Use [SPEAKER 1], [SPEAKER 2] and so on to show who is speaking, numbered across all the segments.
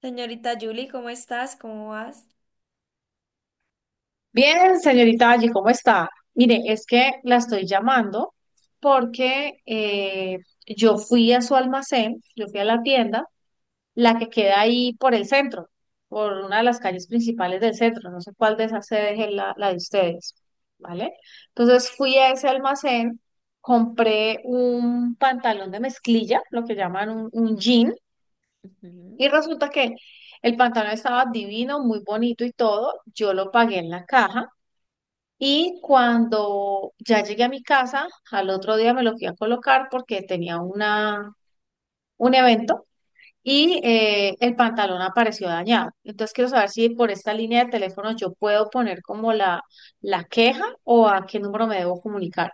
[SPEAKER 1] Señorita Julie, ¿cómo estás? ¿Cómo vas?
[SPEAKER 2] Bien, señorita Allí, ¿cómo está? Mire, es que la estoy llamando porque yo fui a su almacén, yo fui a la tienda, la que queda ahí por el centro, por una de las calles principales del centro, no sé cuál de esas sedes es la de ustedes, ¿vale? Entonces fui a ese almacén, compré un pantalón de mezclilla, lo que llaman un jean, y resulta que el pantalón estaba divino, muy bonito y todo, yo lo pagué en la caja. Y cuando ya llegué a mi casa, al otro día me lo fui a colocar porque tenía una, un evento y el pantalón apareció dañado. Entonces quiero saber si por esta línea de teléfono yo puedo poner como la queja o a qué número me debo comunicar.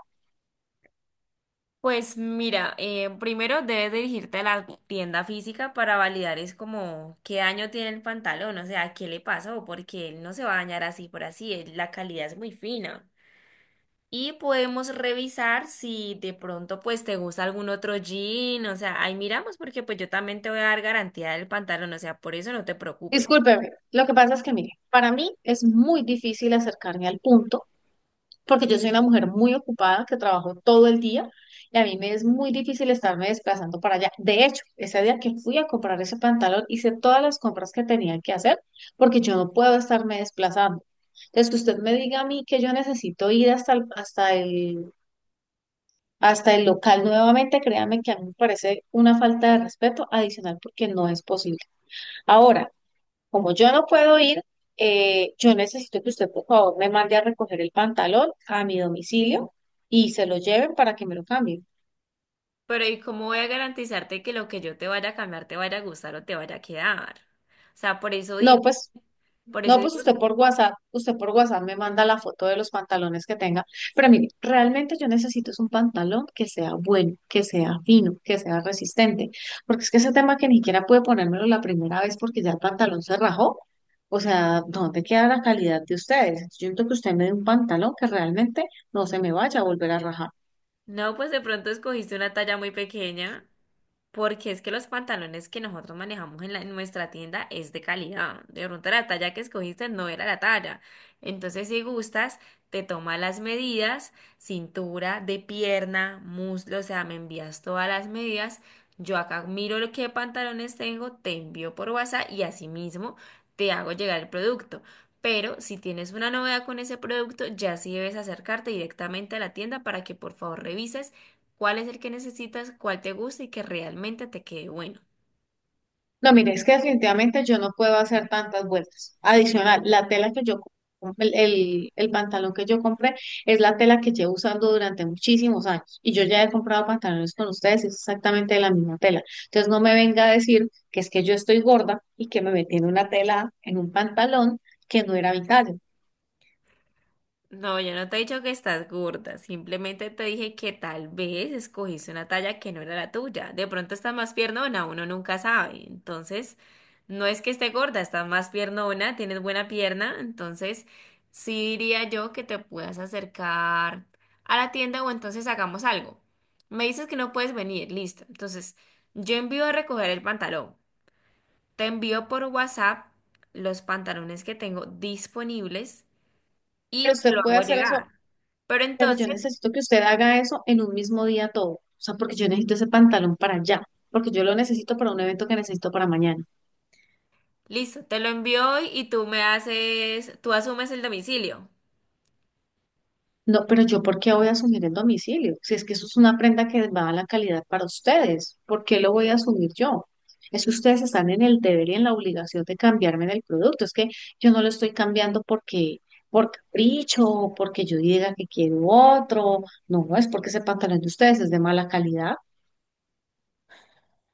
[SPEAKER 1] Pues mira, primero debes dirigirte a la tienda física para validar es como qué daño tiene el pantalón, o sea, qué le pasó, porque él no se va a dañar así por así, él- la calidad es muy fina. Y podemos revisar si de pronto pues te gusta algún otro jean, o sea, ahí miramos porque pues yo también te voy a dar garantía del pantalón, o sea, por eso no te preocupes.
[SPEAKER 2] Discúlpeme, lo que pasa es que, mire, para mí es muy difícil acercarme al punto porque yo soy una mujer muy ocupada que trabajo todo el día y a mí me es muy difícil estarme desplazando para allá. De hecho, ese día que fui a comprar ese pantalón, hice todas las compras que tenía que hacer porque yo no puedo estarme desplazando. Entonces, que usted me diga a mí que yo necesito ir hasta el local nuevamente, créame que a mí me parece una falta de respeto adicional porque no es posible. Ahora, como yo no puedo ir, yo necesito que usted, por favor, me mande a recoger el pantalón a mi domicilio y se lo lleven para que me lo cambien.
[SPEAKER 1] Pero ¿y cómo voy a garantizarte que lo que yo te vaya a cambiar te vaya a gustar o te vaya a quedar? O sea, por eso.
[SPEAKER 2] No, pues.
[SPEAKER 1] Por eso
[SPEAKER 2] No, pues
[SPEAKER 1] digo que
[SPEAKER 2] usted por WhatsApp me manda la foto de los pantalones que tenga. Pero mire, realmente yo necesito es un pantalón que sea bueno, que sea fino, que sea resistente. Porque es que ese tema que ni siquiera pude ponérmelo la primera vez porque ya el pantalón se rajó. O sea, ¿dónde queda la calidad de ustedes? Yo siento que usted me dé un pantalón que realmente no se me vaya a volver a rajar.
[SPEAKER 1] no, pues de pronto escogiste una talla muy pequeña, porque es que los pantalones que nosotros manejamos en, la- en nuestra tienda es de calidad. De pronto la talla que escogiste no era la talla. Entonces, si gustas, te toma las medidas, cintura, de pierna, muslo, o sea, me envías todas las medidas. Yo acá miro lo que pantalones tengo, te envío por WhatsApp y asimismo te hago llegar el producto. Pero si tienes una novedad con ese producto, ya sí debes acercarte directamente a la tienda para que por favor revises cuál es el que necesitas, cuál te gusta y que realmente te quede bueno.
[SPEAKER 2] No, mire, es que definitivamente yo no puedo hacer tantas vueltas. Adicional, la tela que yo, el pantalón que yo compré es la tela que llevo usando durante muchísimos años. Y yo ya he comprado pantalones con ustedes, y es exactamente de la misma tela. Entonces no me venga a decir que es que yo estoy gorda y que me metí en una tela, en un pantalón que no era mi talla.
[SPEAKER 1] No, yo no te he dicho que estás gorda, simplemente te dije que tal vez escogiste una talla que no era la tuya. De pronto estás más piernona, uno nunca sabe. Entonces, no es que esté gorda, estás más piernona, tienes buena pierna, entonces sí diría yo que te puedas acercar a la tienda o entonces hagamos algo. Me dices que no puedes venir, listo. Entonces, yo envío a recoger el pantalón. Te envío por WhatsApp los pantalones que tengo disponibles
[SPEAKER 2] Pero
[SPEAKER 1] y te lo
[SPEAKER 2] usted puede
[SPEAKER 1] hago
[SPEAKER 2] hacer eso,
[SPEAKER 1] llegar. Pero
[SPEAKER 2] pero yo
[SPEAKER 1] entonces,
[SPEAKER 2] necesito que usted haga eso en un mismo día todo. O sea, porque yo necesito ese pantalón para allá, porque yo lo necesito para un evento que necesito para mañana.
[SPEAKER 1] listo, te lo envío hoy y tú me haces, tú asumes el domicilio.
[SPEAKER 2] No, pero yo, ¿por qué voy a asumir el domicilio? Si es que eso es una prenda que va a la calidad para ustedes, ¿por qué lo voy a asumir yo? Es que ustedes están en el deber y en la obligación de cambiarme del producto. Es que yo no lo estoy cambiando porque, por capricho, o porque yo diga que quiero otro. No, no es porque ese pantalón de ustedes es de mala calidad.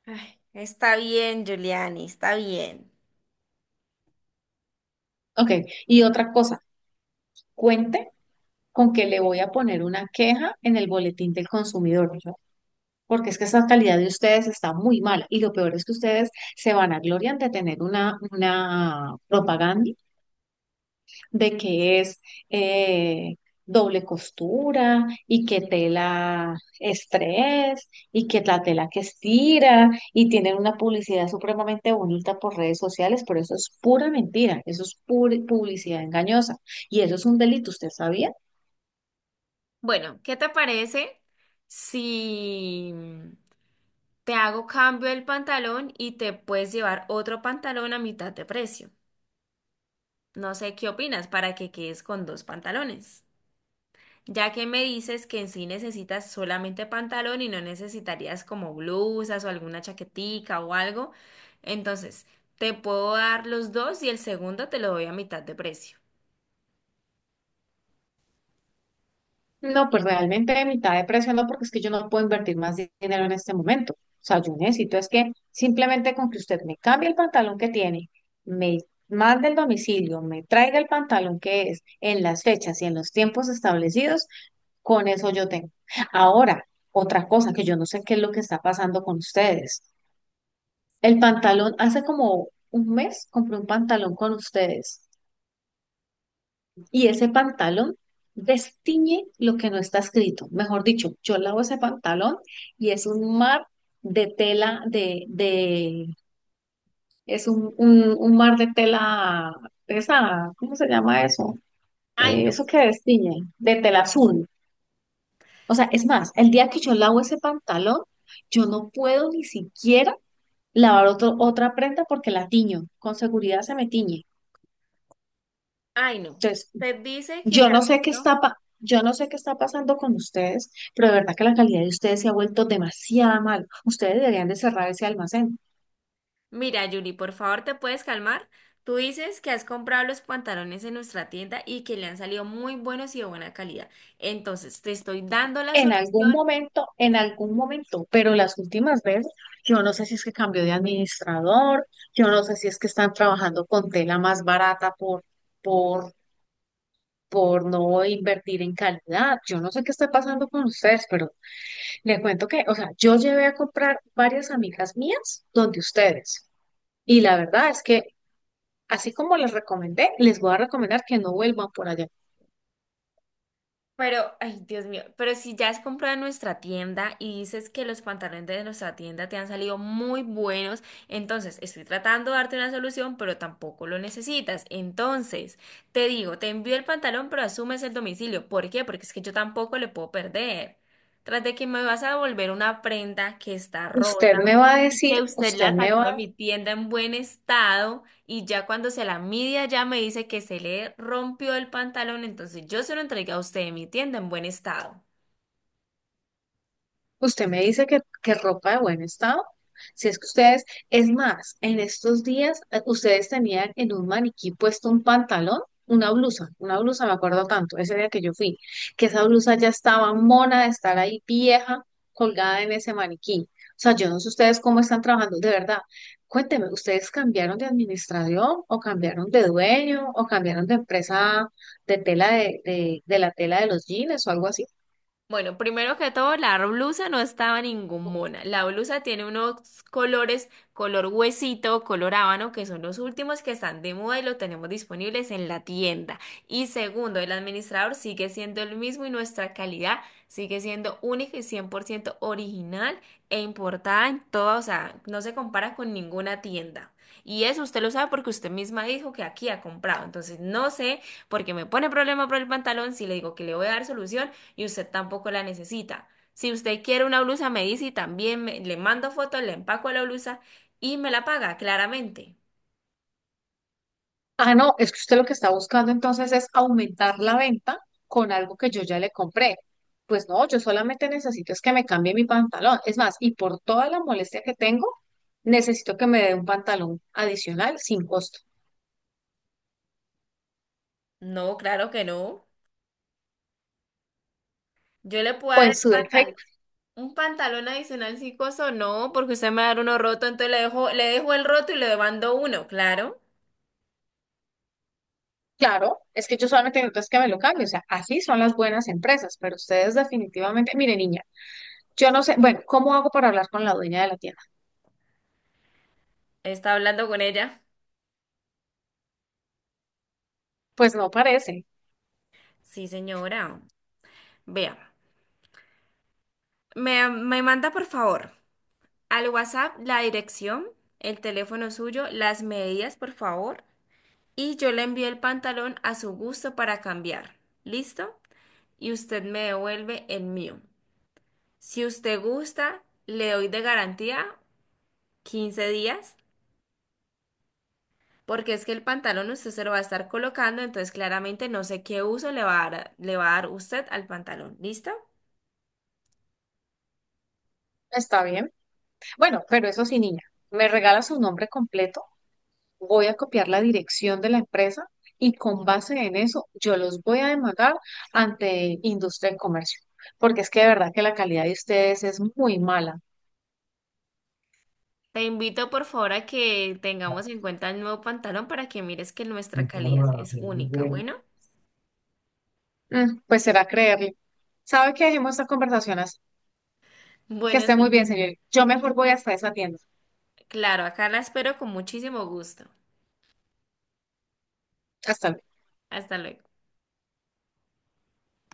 [SPEAKER 1] Ay, está bien, Giuliani, está bien.
[SPEAKER 2] Ok, y otra cosa, cuente con que le voy a poner una queja en el boletín del consumidor, porque es que esta calidad de ustedes está muy mala y lo peor es que ustedes se vanaglorian de tener una propaganda de que es eh, doble costura y que tela estrés y que la tela que estira y tienen una publicidad supremamente bonita por redes sociales, pero eso es pura mentira, eso es pura publicidad engañosa y eso es un delito, ¿usted sabía?
[SPEAKER 1] Bueno, ¿qué te parece si te hago cambio el pantalón y te puedes llevar otro pantalón a mitad de precio? No sé qué opinas para que quedes con dos pantalones. Ya que me dices que en sí necesitas solamente pantalón y no necesitarías como blusas o alguna chaquetica o algo, entonces te puedo dar los dos y el segundo te lo doy a mitad de precio.
[SPEAKER 2] No, pues realmente de mitad de precio no, porque es que yo no puedo invertir más dinero en este momento. O sea, yo necesito es que simplemente con que usted me cambie el pantalón que tiene, me mande el domicilio, me traiga el pantalón que es en las fechas y en los tiempos establecidos, con eso yo tengo. Ahora, otra cosa que yo no sé qué es lo que está pasando con ustedes. El pantalón, hace como un mes compré un pantalón con ustedes y ese pantalón destiñe lo que no está escrito. Mejor dicho, yo lavo ese pantalón y es un mar de tela, es un mar de tela, esa, ¿cómo se llama eso?
[SPEAKER 1] Ay, no,
[SPEAKER 2] Eso que destiñe, de tela azul. O sea, es más, el día que yo lavo ese pantalón, yo no puedo ni siquiera lavar otro, otra prenda porque la tiño, con seguridad se me tiñe.
[SPEAKER 1] ay, no.
[SPEAKER 2] Entonces,
[SPEAKER 1] Te dice que
[SPEAKER 2] yo
[SPEAKER 1] ya.
[SPEAKER 2] no sé qué
[SPEAKER 1] ¿No?
[SPEAKER 2] está yo no sé qué está pasando con ustedes, pero de verdad que la calidad de ustedes se ha vuelto demasiado mal. Ustedes deberían de cerrar ese almacén.
[SPEAKER 1] Mira, Yuri, por favor, ¿te puedes calmar? Tú dices que has comprado los pantalones en nuestra tienda y que le han salido muy buenos y de buena calidad. Entonces, te estoy dando la solución.
[SPEAKER 2] En algún momento, pero las últimas veces, yo no sé si es que cambió de administrador, yo no sé si es que están trabajando con tela más barata por, por no invertir en calidad. Yo no sé qué está pasando con ustedes, pero les cuento que, o sea, yo llevé a comprar varias amigas mías donde ustedes. Y la verdad es que, así como les recomendé, les voy a recomendar que no vuelvan por allá.
[SPEAKER 1] Pero, ay, Dios mío, pero si ya has comprado en nuestra tienda y dices que los pantalones de nuestra tienda te han salido muy buenos, entonces estoy tratando de darte una solución, pero tampoco lo necesitas. Entonces, te digo, te envío el pantalón, pero asumes el domicilio. ¿Por qué? Porque es que yo tampoco le puedo perder. Tras de que me vas a devolver una prenda que está
[SPEAKER 2] Usted
[SPEAKER 1] rota
[SPEAKER 2] me va a
[SPEAKER 1] y
[SPEAKER 2] decir,
[SPEAKER 1] que usted
[SPEAKER 2] usted
[SPEAKER 1] la
[SPEAKER 2] me
[SPEAKER 1] sacó
[SPEAKER 2] va.
[SPEAKER 1] de mi tienda en buen estado y ya cuando se la mide ya me dice que se le rompió el pantalón, entonces yo se lo entregué a usted en mi tienda en buen estado.
[SPEAKER 2] Usted me dice que ropa de buen estado. Si es que ustedes, es más, en estos días ustedes tenían en un maniquí puesto un pantalón, una blusa, me acuerdo tanto, ese día que yo fui, que esa blusa ya estaba mona de estar ahí vieja, colgada en ese maniquí. O sea, yo no sé ustedes cómo están trabajando, de verdad. Cuénteme, ¿ustedes cambiaron de administración o cambiaron de dueño o cambiaron de empresa de tela de la tela de los jeans o algo así?
[SPEAKER 1] Bueno, primero que todo, la blusa no estaba ninguna. La blusa tiene unos colores, color huesito, color habano, que son los últimos que están de moda y los tenemos disponibles en la tienda. Y segundo, el administrador sigue siendo el mismo y nuestra calidad sigue siendo única y 100% original e importada en todo, o sea, no se compara con ninguna tienda. Y eso usted lo sabe porque usted misma dijo que aquí ha comprado. Entonces, no sé por qué me pone problema por el pantalón si le digo que le voy a dar solución y usted tampoco la necesita. Si usted quiere una blusa, me dice y también me- le mando fotos, le empaco la blusa y me la paga, claramente.
[SPEAKER 2] Ah, no, es que usted lo que está buscando entonces es aumentar la venta con algo que yo ya le compré. Pues no, yo solamente necesito es que me cambie mi pantalón. Es más, y por toda la molestia que tengo, necesito que me dé un pantalón adicional sin costo.
[SPEAKER 1] No, claro que no. Yo le puedo
[SPEAKER 2] O
[SPEAKER 1] dar
[SPEAKER 2] en
[SPEAKER 1] el
[SPEAKER 2] su
[SPEAKER 1] pantalón.
[SPEAKER 2] defecto,
[SPEAKER 1] Un pantalón adicional si coso, no, porque usted me va a dar uno roto, entonces le dejo el roto y le mando uno, claro.
[SPEAKER 2] claro, es que yo solamente necesito es que me lo cambie. O sea, así son las buenas empresas, pero ustedes definitivamente, mire niña, yo no sé, bueno, ¿cómo hago para hablar con la dueña de la tienda?
[SPEAKER 1] Está hablando con ella.
[SPEAKER 2] Pues no parece.
[SPEAKER 1] Sí, señora. Vea, me manda por favor al WhatsApp la dirección, el teléfono suyo, las medidas, por favor. Y yo le envío el pantalón a su gusto para cambiar. ¿Listo? Y usted me devuelve el mío. Si usted gusta, le doy de garantía 15 días, porque es que el pantalón usted se lo va a estar colocando, entonces claramente no sé qué uso le va a dar, le va a dar usted al pantalón. ¿Listo?
[SPEAKER 2] Está bien. Bueno, pero eso sí, niña, ¿me regala su nombre completo? Voy a copiar la dirección de la empresa y con base en eso yo los voy a demandar ante industria y comercio, porque es que de verdad que la calidad de ustedes es muy mala.
[SPEAKER 1] Te invito por favor a que tengamos en cuenta el nuevo pantalón para que mires que nuestra calidad es única. Bueno,
[SPEAKER 2] Mm, pues será creerle. ¿Sabe qué? Dejemos estas conversaciones. Que
[SPEAKER 1] bueno,
[SPEAKER 2] esté muy
[SPEAKER 1] sí.
[SPEAKER 2] bien, señor. Yo mejor voy hasta esa tienda.
[SPEAKER 1] Claro, acá la espero con muchísimo gusto.
[SPEAKER 2] Hasta luego.
[SPEAKER 1] Hasta luego.